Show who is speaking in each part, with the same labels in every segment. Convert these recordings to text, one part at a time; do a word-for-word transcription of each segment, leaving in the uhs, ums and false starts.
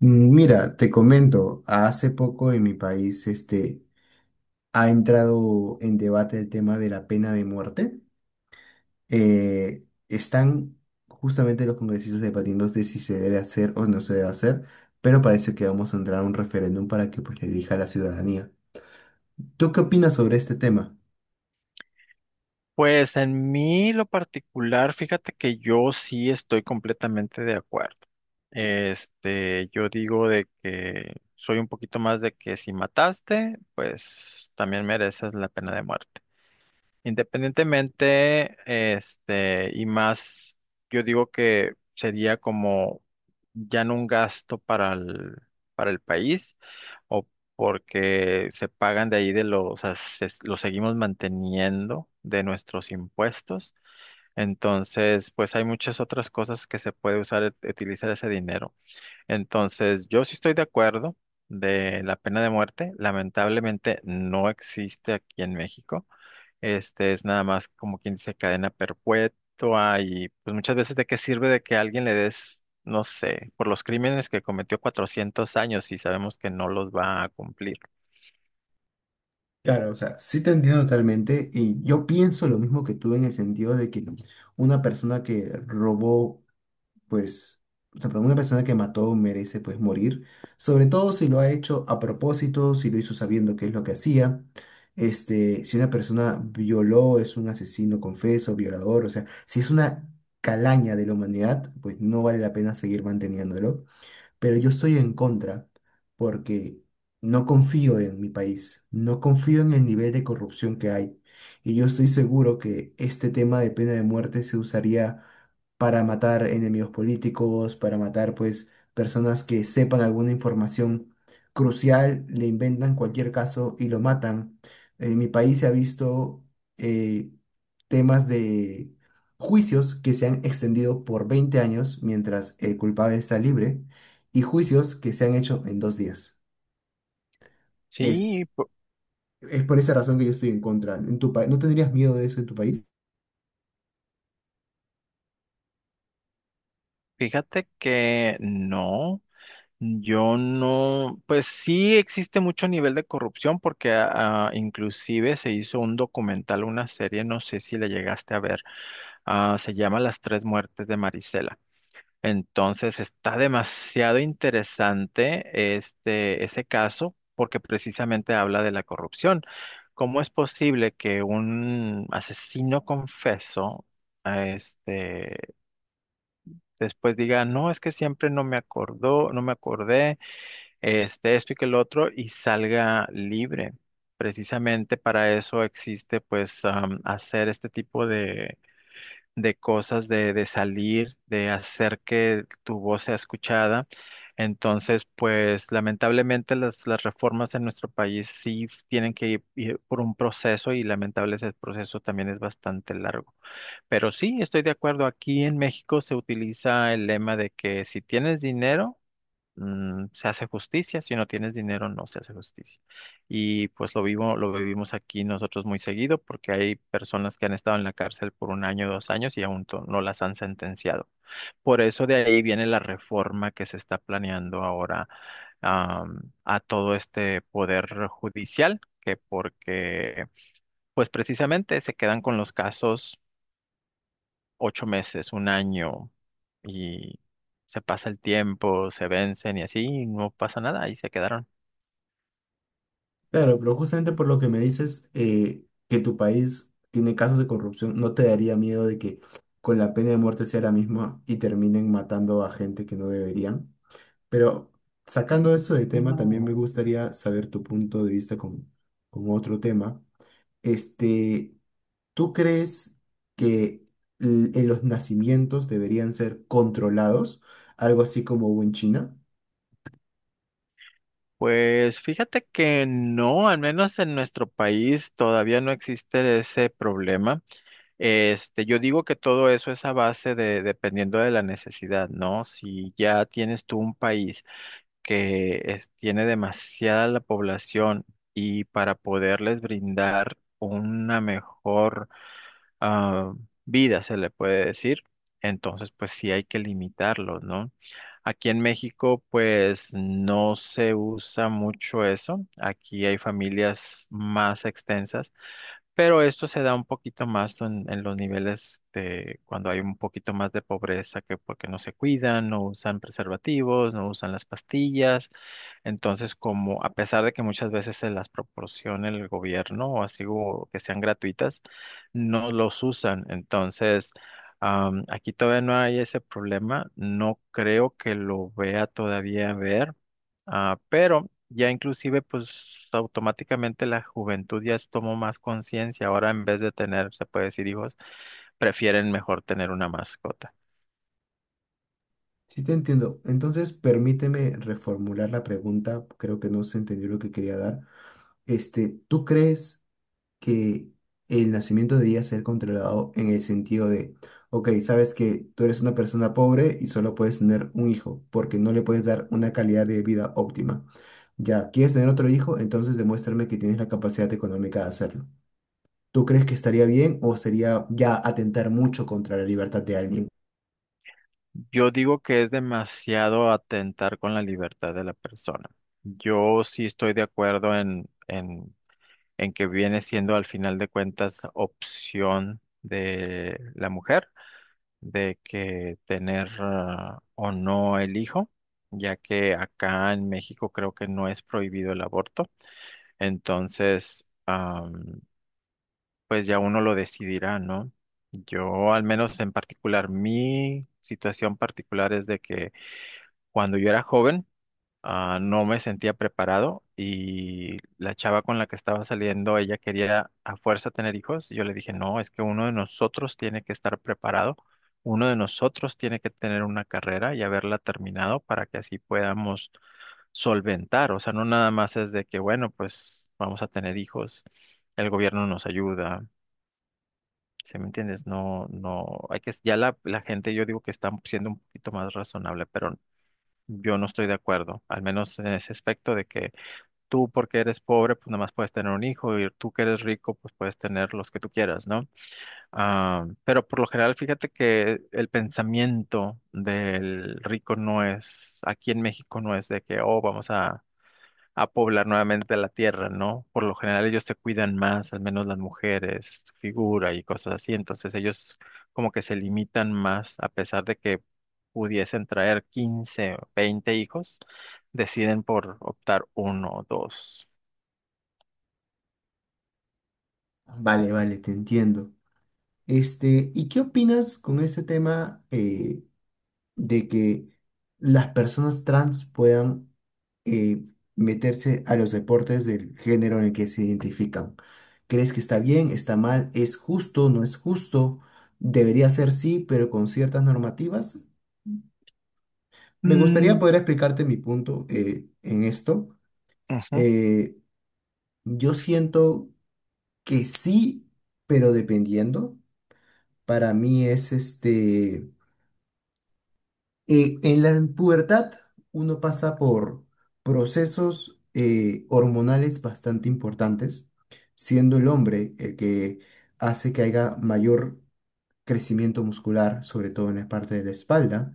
Speaker 1: Mm, Mira, te comento, hace poco en mi país este, ha entrado en debate el tema de la pena de muerte. Eh, están justamente los congresistas debatiendo de si se debe hacer o no se debe hacer, pero parece que vamos a entrar a un referéndum para que pues, le elija a la ciudadanía. ¿Tú qué opinas sobre este tema?
Speaker 2: Pues en mí lo particular, fíjate que yo sí estoy completamente de acuerdo. Este, yo digo de que soy un poquito más de que si mataste, pues también mereces la pena de muerte. Independientemente, este, y más, yo digo que sería como ya no un gasto para el, para el país o porque se pagan de ahí de los, o sea, se- lo seguimos manteniendo de nuestros impuestos. Entonces, pues hay muchas otras cosas que se puede usar, e- utilizar ese dinero. Entonces, yo sí estoy de acuerdo de la pena de muerte. Lamentablemente no existe aquí en México. Este es nada más como quien dice cadena perpetua y pues muchas veces de qué sirve de que a alguien le des, no sé, por los crímenes que cometió cuatrocientos años y sabemos que no los va a cumplir.
Speaker 1: Claro, o sea, sí te entiendo totalmente y yo pienso lo mismo que tú en el sentido de que una persona que robó pues, o sea, para una persona que mató merece, pues, morir, sobre todo si lo ha hecho a propósito, si lo hizo sabiendo qué es lo que hacía, este, si una persona violó, es un asesino confeso, violador, o sea, si es una calaña de la humanidad, pues no vale la pena seguir manteniéndolo, pero yo estoy en contra porque no confío en mi país, no confío en el nivel de corrupción que hay y yo estoy seguro que este tema de pena de muerte se usaría para matar enemigos políticos, para matar pues personas que sepan alguna información crucial, le inventan cualquier caso y lo matan. En mi país se ha visto eh, temas de juicios que se han extendido por veinte años mientras el culpable está libre y juicios que se han hecho en dos días.
Speaker 2: Sí,
Speaker 1: Es,
Speaker 2: pu-
Speaker 1: es por esa razón que yo estoy en contra. En tu pa- ¿no tendrías miedo de eso en tu país?
Speaker 2: fíjate que no, yo no, pues sí existe mucho nivel de corrupción porque ah, inclusive se hizo un documental, una serie, no sé si la llegaste a ver. Ah, se llama Las tres muertes de Marisela. Entonces está demasiado interesante este, ese caso porque precisamente habla de la corrupción. ¿Cómo es posible que un asesino confeso este después diga, no, es que siempre no me acordó, no me acordé, este, esto y que el otro, y salga libre? Precisamente para eso existe, pues, am, hacer este tipo de, de cosas, de, de salir, de hacer que tu voz sea escuchada. Entonces, pues, lamentablemente las, las reformas en nuestro país sí tienen que ir ir por un proceso y lamentablemente ese proceso también es bastante largo. Pero sí, estoy de acuerdo. Aquí en México se utiliza el lema de que si tienes dinero, mm, se hace justicia. Si no tienes dinero, no se hace justicia. Y pues lo vivo, lo vivimos aquí nosotros muy seguido porque hay personas que han estado en la cárcel por un año, dos años y aún to- no las han sentenciado. Por eso de ahí viene la reforma que se está planeando ahora, am, a todo este poder judicial, que porque pues precisamente se quedan con los casos ocho meses, un año, y se pasa el tiempo, se vencen y así, y no pasa nada, y se quedaron.
Speaker 1: Claro, pero justamente por lo que me dices eh, que tu país tiene casos de corrupción, ¿no te daría miedo de que con la pena de muerte sea la misma y terminen matando a gente que no deberían? Pero sacando eso de tema, también me
Speaker 2: No.
Speaker 1: gustaría saber tu punto de vista con, con otro tema. Este, ¿Tú crees que l- en los nacimientos deberían ser controlados? Algo así como hubo en China.
Speaker 2: Pues fíjate que no, al menos en nuestro país todavía no existe ese problema. Este, yo digo que todo eso es a base de, dependiendo de la necesidad, ¿no? Si ya tienes tú un país que es- tiene demasiada la población y para poderles brindar una mejor ah, vida, se le puede decir. Entonces, pues sí hay que limitarlo, ¿no? Aquí en México, pues no se usa mucho eso. Aquí hay familias más extensas, pero esto se da un poquito más en, en los niveles de cuando hay un poquito más de pobreza, que porque no se cuidan, no usan preservativos, no usan las pastillas. Entonces, como a pesar de que muchas veces se las proporciona el gobierno o así o que sean gratuitas, no los usan. Entonces, am, aquí todavía no hay ese problema. No creo que lo vea todavía ver. Ah, pero ya inclusive pues automáticamente la juventud ya es- tomó más conciencia. Ahora en vez de tener, se puede decir hijos, prefieren mejor tener una mascota.
Speaker 1: Sí, te entiendo. Entonces, permíteme reformular la pregunta. Creo que no se entendió lo que quería dar. Este, ¿tú crees que el nacimiento debería ser controlado en el sentido de, ok, sabes que tú eres una persona pobre y solo puedes tener un hijo porque no le puedes dar una calidad de vida óptima? Ya, ¿quieres tener otro hijo? Entonces demuéstrame que tienes la capacidad económica de hacerlo. ¿Tú crees que estaría bien o sería ya atentar mucho contra la libertad de alguien?
Speaker 2: Yo digo que es demasiado atentar con la libertad de la persona. Yo sí estoy de acuerdo en, en, en que viene siendo al final de cuentas opción de la mujer de que tener ah, o no el hijo, ya que acá en México creo que no es prohibido el aborto. Entonces, am, pues ya uno lo decidirá, ¿no? Yo al menos en particular, mi situación particular es de que cuando yo era joven, ah, no me sentía preparado y la chava con la que estaba saliendo, ella quería a fuerza tener hijos. Yo le dije, no, es que uno de nosotros tiene que estar preparado, uno de nosotros tiene que tener una carrera y haberla terminado para que así podamos solventar. O sea, no nada más es de que, bueno, pues vamos a tener hijos, el gobierno nos ayuda. ¿Sí me entiendes? No, no, hay que, ya la, la gente, yo digo que está siendo un poquito más razonable, pero yo no estoy de acuerdo, al menos en ese aspecto de que tú porque eres pobre, pues nada más puedes tener un hijo y tú que eres rico, pues puedes tener los que tú quieras, ¿no? Ah, pero por lo general, fíjate que el pensamiento del rico no es, aquí en México no es de que, oh, vamos a a poblar nuevamente la tierra, ¿no? Por lo general ellos se cuidan más, al menos las mujeres, su figura y cosas así, entonces ellos como que se limitan más, a pesar de que pudiesen traer quince, veinte hijos, deciden por optar uno o dos.
Speaker 1: Vale, vale, te entiendo. Este, ¿y qué opinas con este tema eh, de que las personas trans puedan eh, meterse a los deportes del género en el que se identifican? ¿Crees que está bien, está mal, es justo, no es justo? Debería ser sí, pero con ciertas normativas. Me gustaría
Speaker 2: Mm,
Speaker 1: poder explicarte mi punto eh, en esto.
Speaker 2: ujú,
Speaker 1: Eh, yo siento que sí, pero dependiendo, para mí es este, eh, en la pubertad uno pasa por procesos eh, hormonales bastante importantes, siendo el hombre el que hace que haya mayor crecimiento muscular, sobre todo en la parte de la espalda,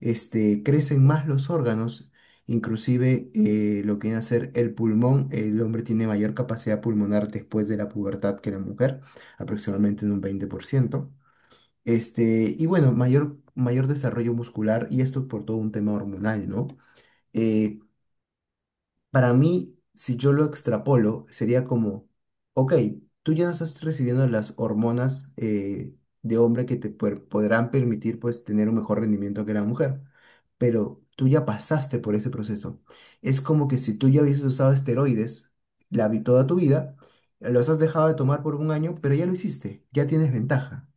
Speaker 1: este, crecen más los órganos, inclusive eh, lo que viene a ser el pulmón. El hombre tiene mayor capacidad pulmonar después de la pubertad que la mujer, aproximadamente en un veinte por ciento. Este, y bueno, mayor, mayor desarrollo muscular, y esto por todo un tema hormonal, ¿no? Eh, para mí, si yo lo extrapolo, sería como, ok, tú ya no estás recibiendo las hormonas eh, de hombre que te puer- podrán permitir pues tener un mejor rendimiento que la mujer, pero tú ya pasaste por ese proceso. Es como que si tú ya hubieses usado esteroides la, vi- toda tu vida, los has dejado de tomar por un año, pero ya lo hiciste, ya tienes ventaja.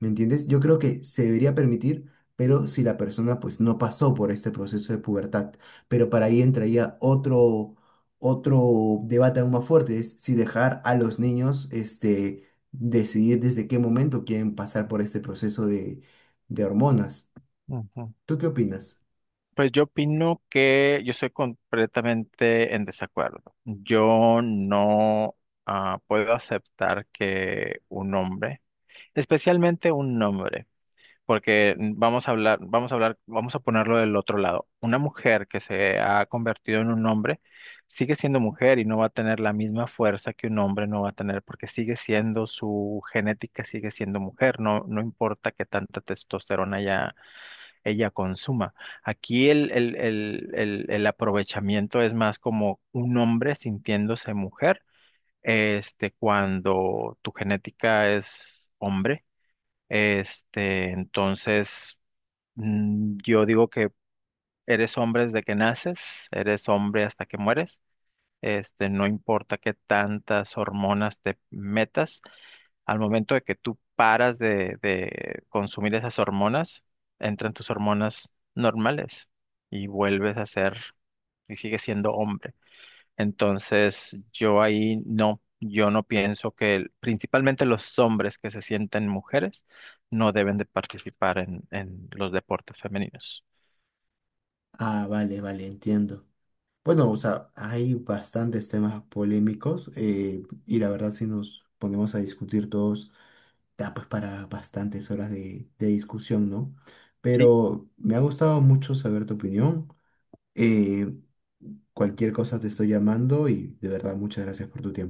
Speaker 1: ¿Me entiendes? Yo creo que se debería permitir, pero si la persona pues no pasó por este proceso de pubertad. Pero para ahí entraría otro, otro debate aún más fuerte, es si dejar a los niños este, decidir desde qué momento quieren pasar por este proceso de, de hormonas.
Speaker 2: ujú.
Speaker 1: ¿Tú qué opinas?
Speaker 2: Pues yo opino que yo soy completamente en desacuerdo. Yo no ah, puedo aceptar que un hombre, especialmente un hombre, porque vamos a hablar, vamos a hablar, vamos a ponerlo del otro lado. Una mujer que se ha convertido en un hombre sigue siendo mujer y no va a tener la misma fuerza que un hombre no va a tener porque sigue siendo su genética, sigue siendo mujer, no, no importa que tanta testosterona ella, ella consuma. Aquí el, el, el, el, el aprovechamiento es más como un hombre sintiéndose mujer, este, cuando tu genética es hombre. Este, entonces, Mm, yo digo que eres hombre desde que naces, eres hombre hasta que mueres. Este, no importa qué tantas hormonas te metas, al momento de que tú paras de, de, consumir esas hormonas, entran tus hormonas normales y vuelves a ser y sigues siendo hombre. Entonces, yo ahí no, yo no pienso que el- principalmente los hombres que se sienten mujeres no deben de participar en, en, los deportes femeninos.
Speaker 1: Ah, vale, vale, entiendo. Bueno, o sea, hay bastantes temas polémicos eh, y la verdad si nos ponemos a discutir todos da pues para bastantes horas de, de discusión, ¿no?
Speaker 2: Sí.
Speaker 1: Pero me ha gustado mucho saber tu opinión. Eh, cualquier cosa te estoy llamando y de verdad muchas gracias por tu tiempo.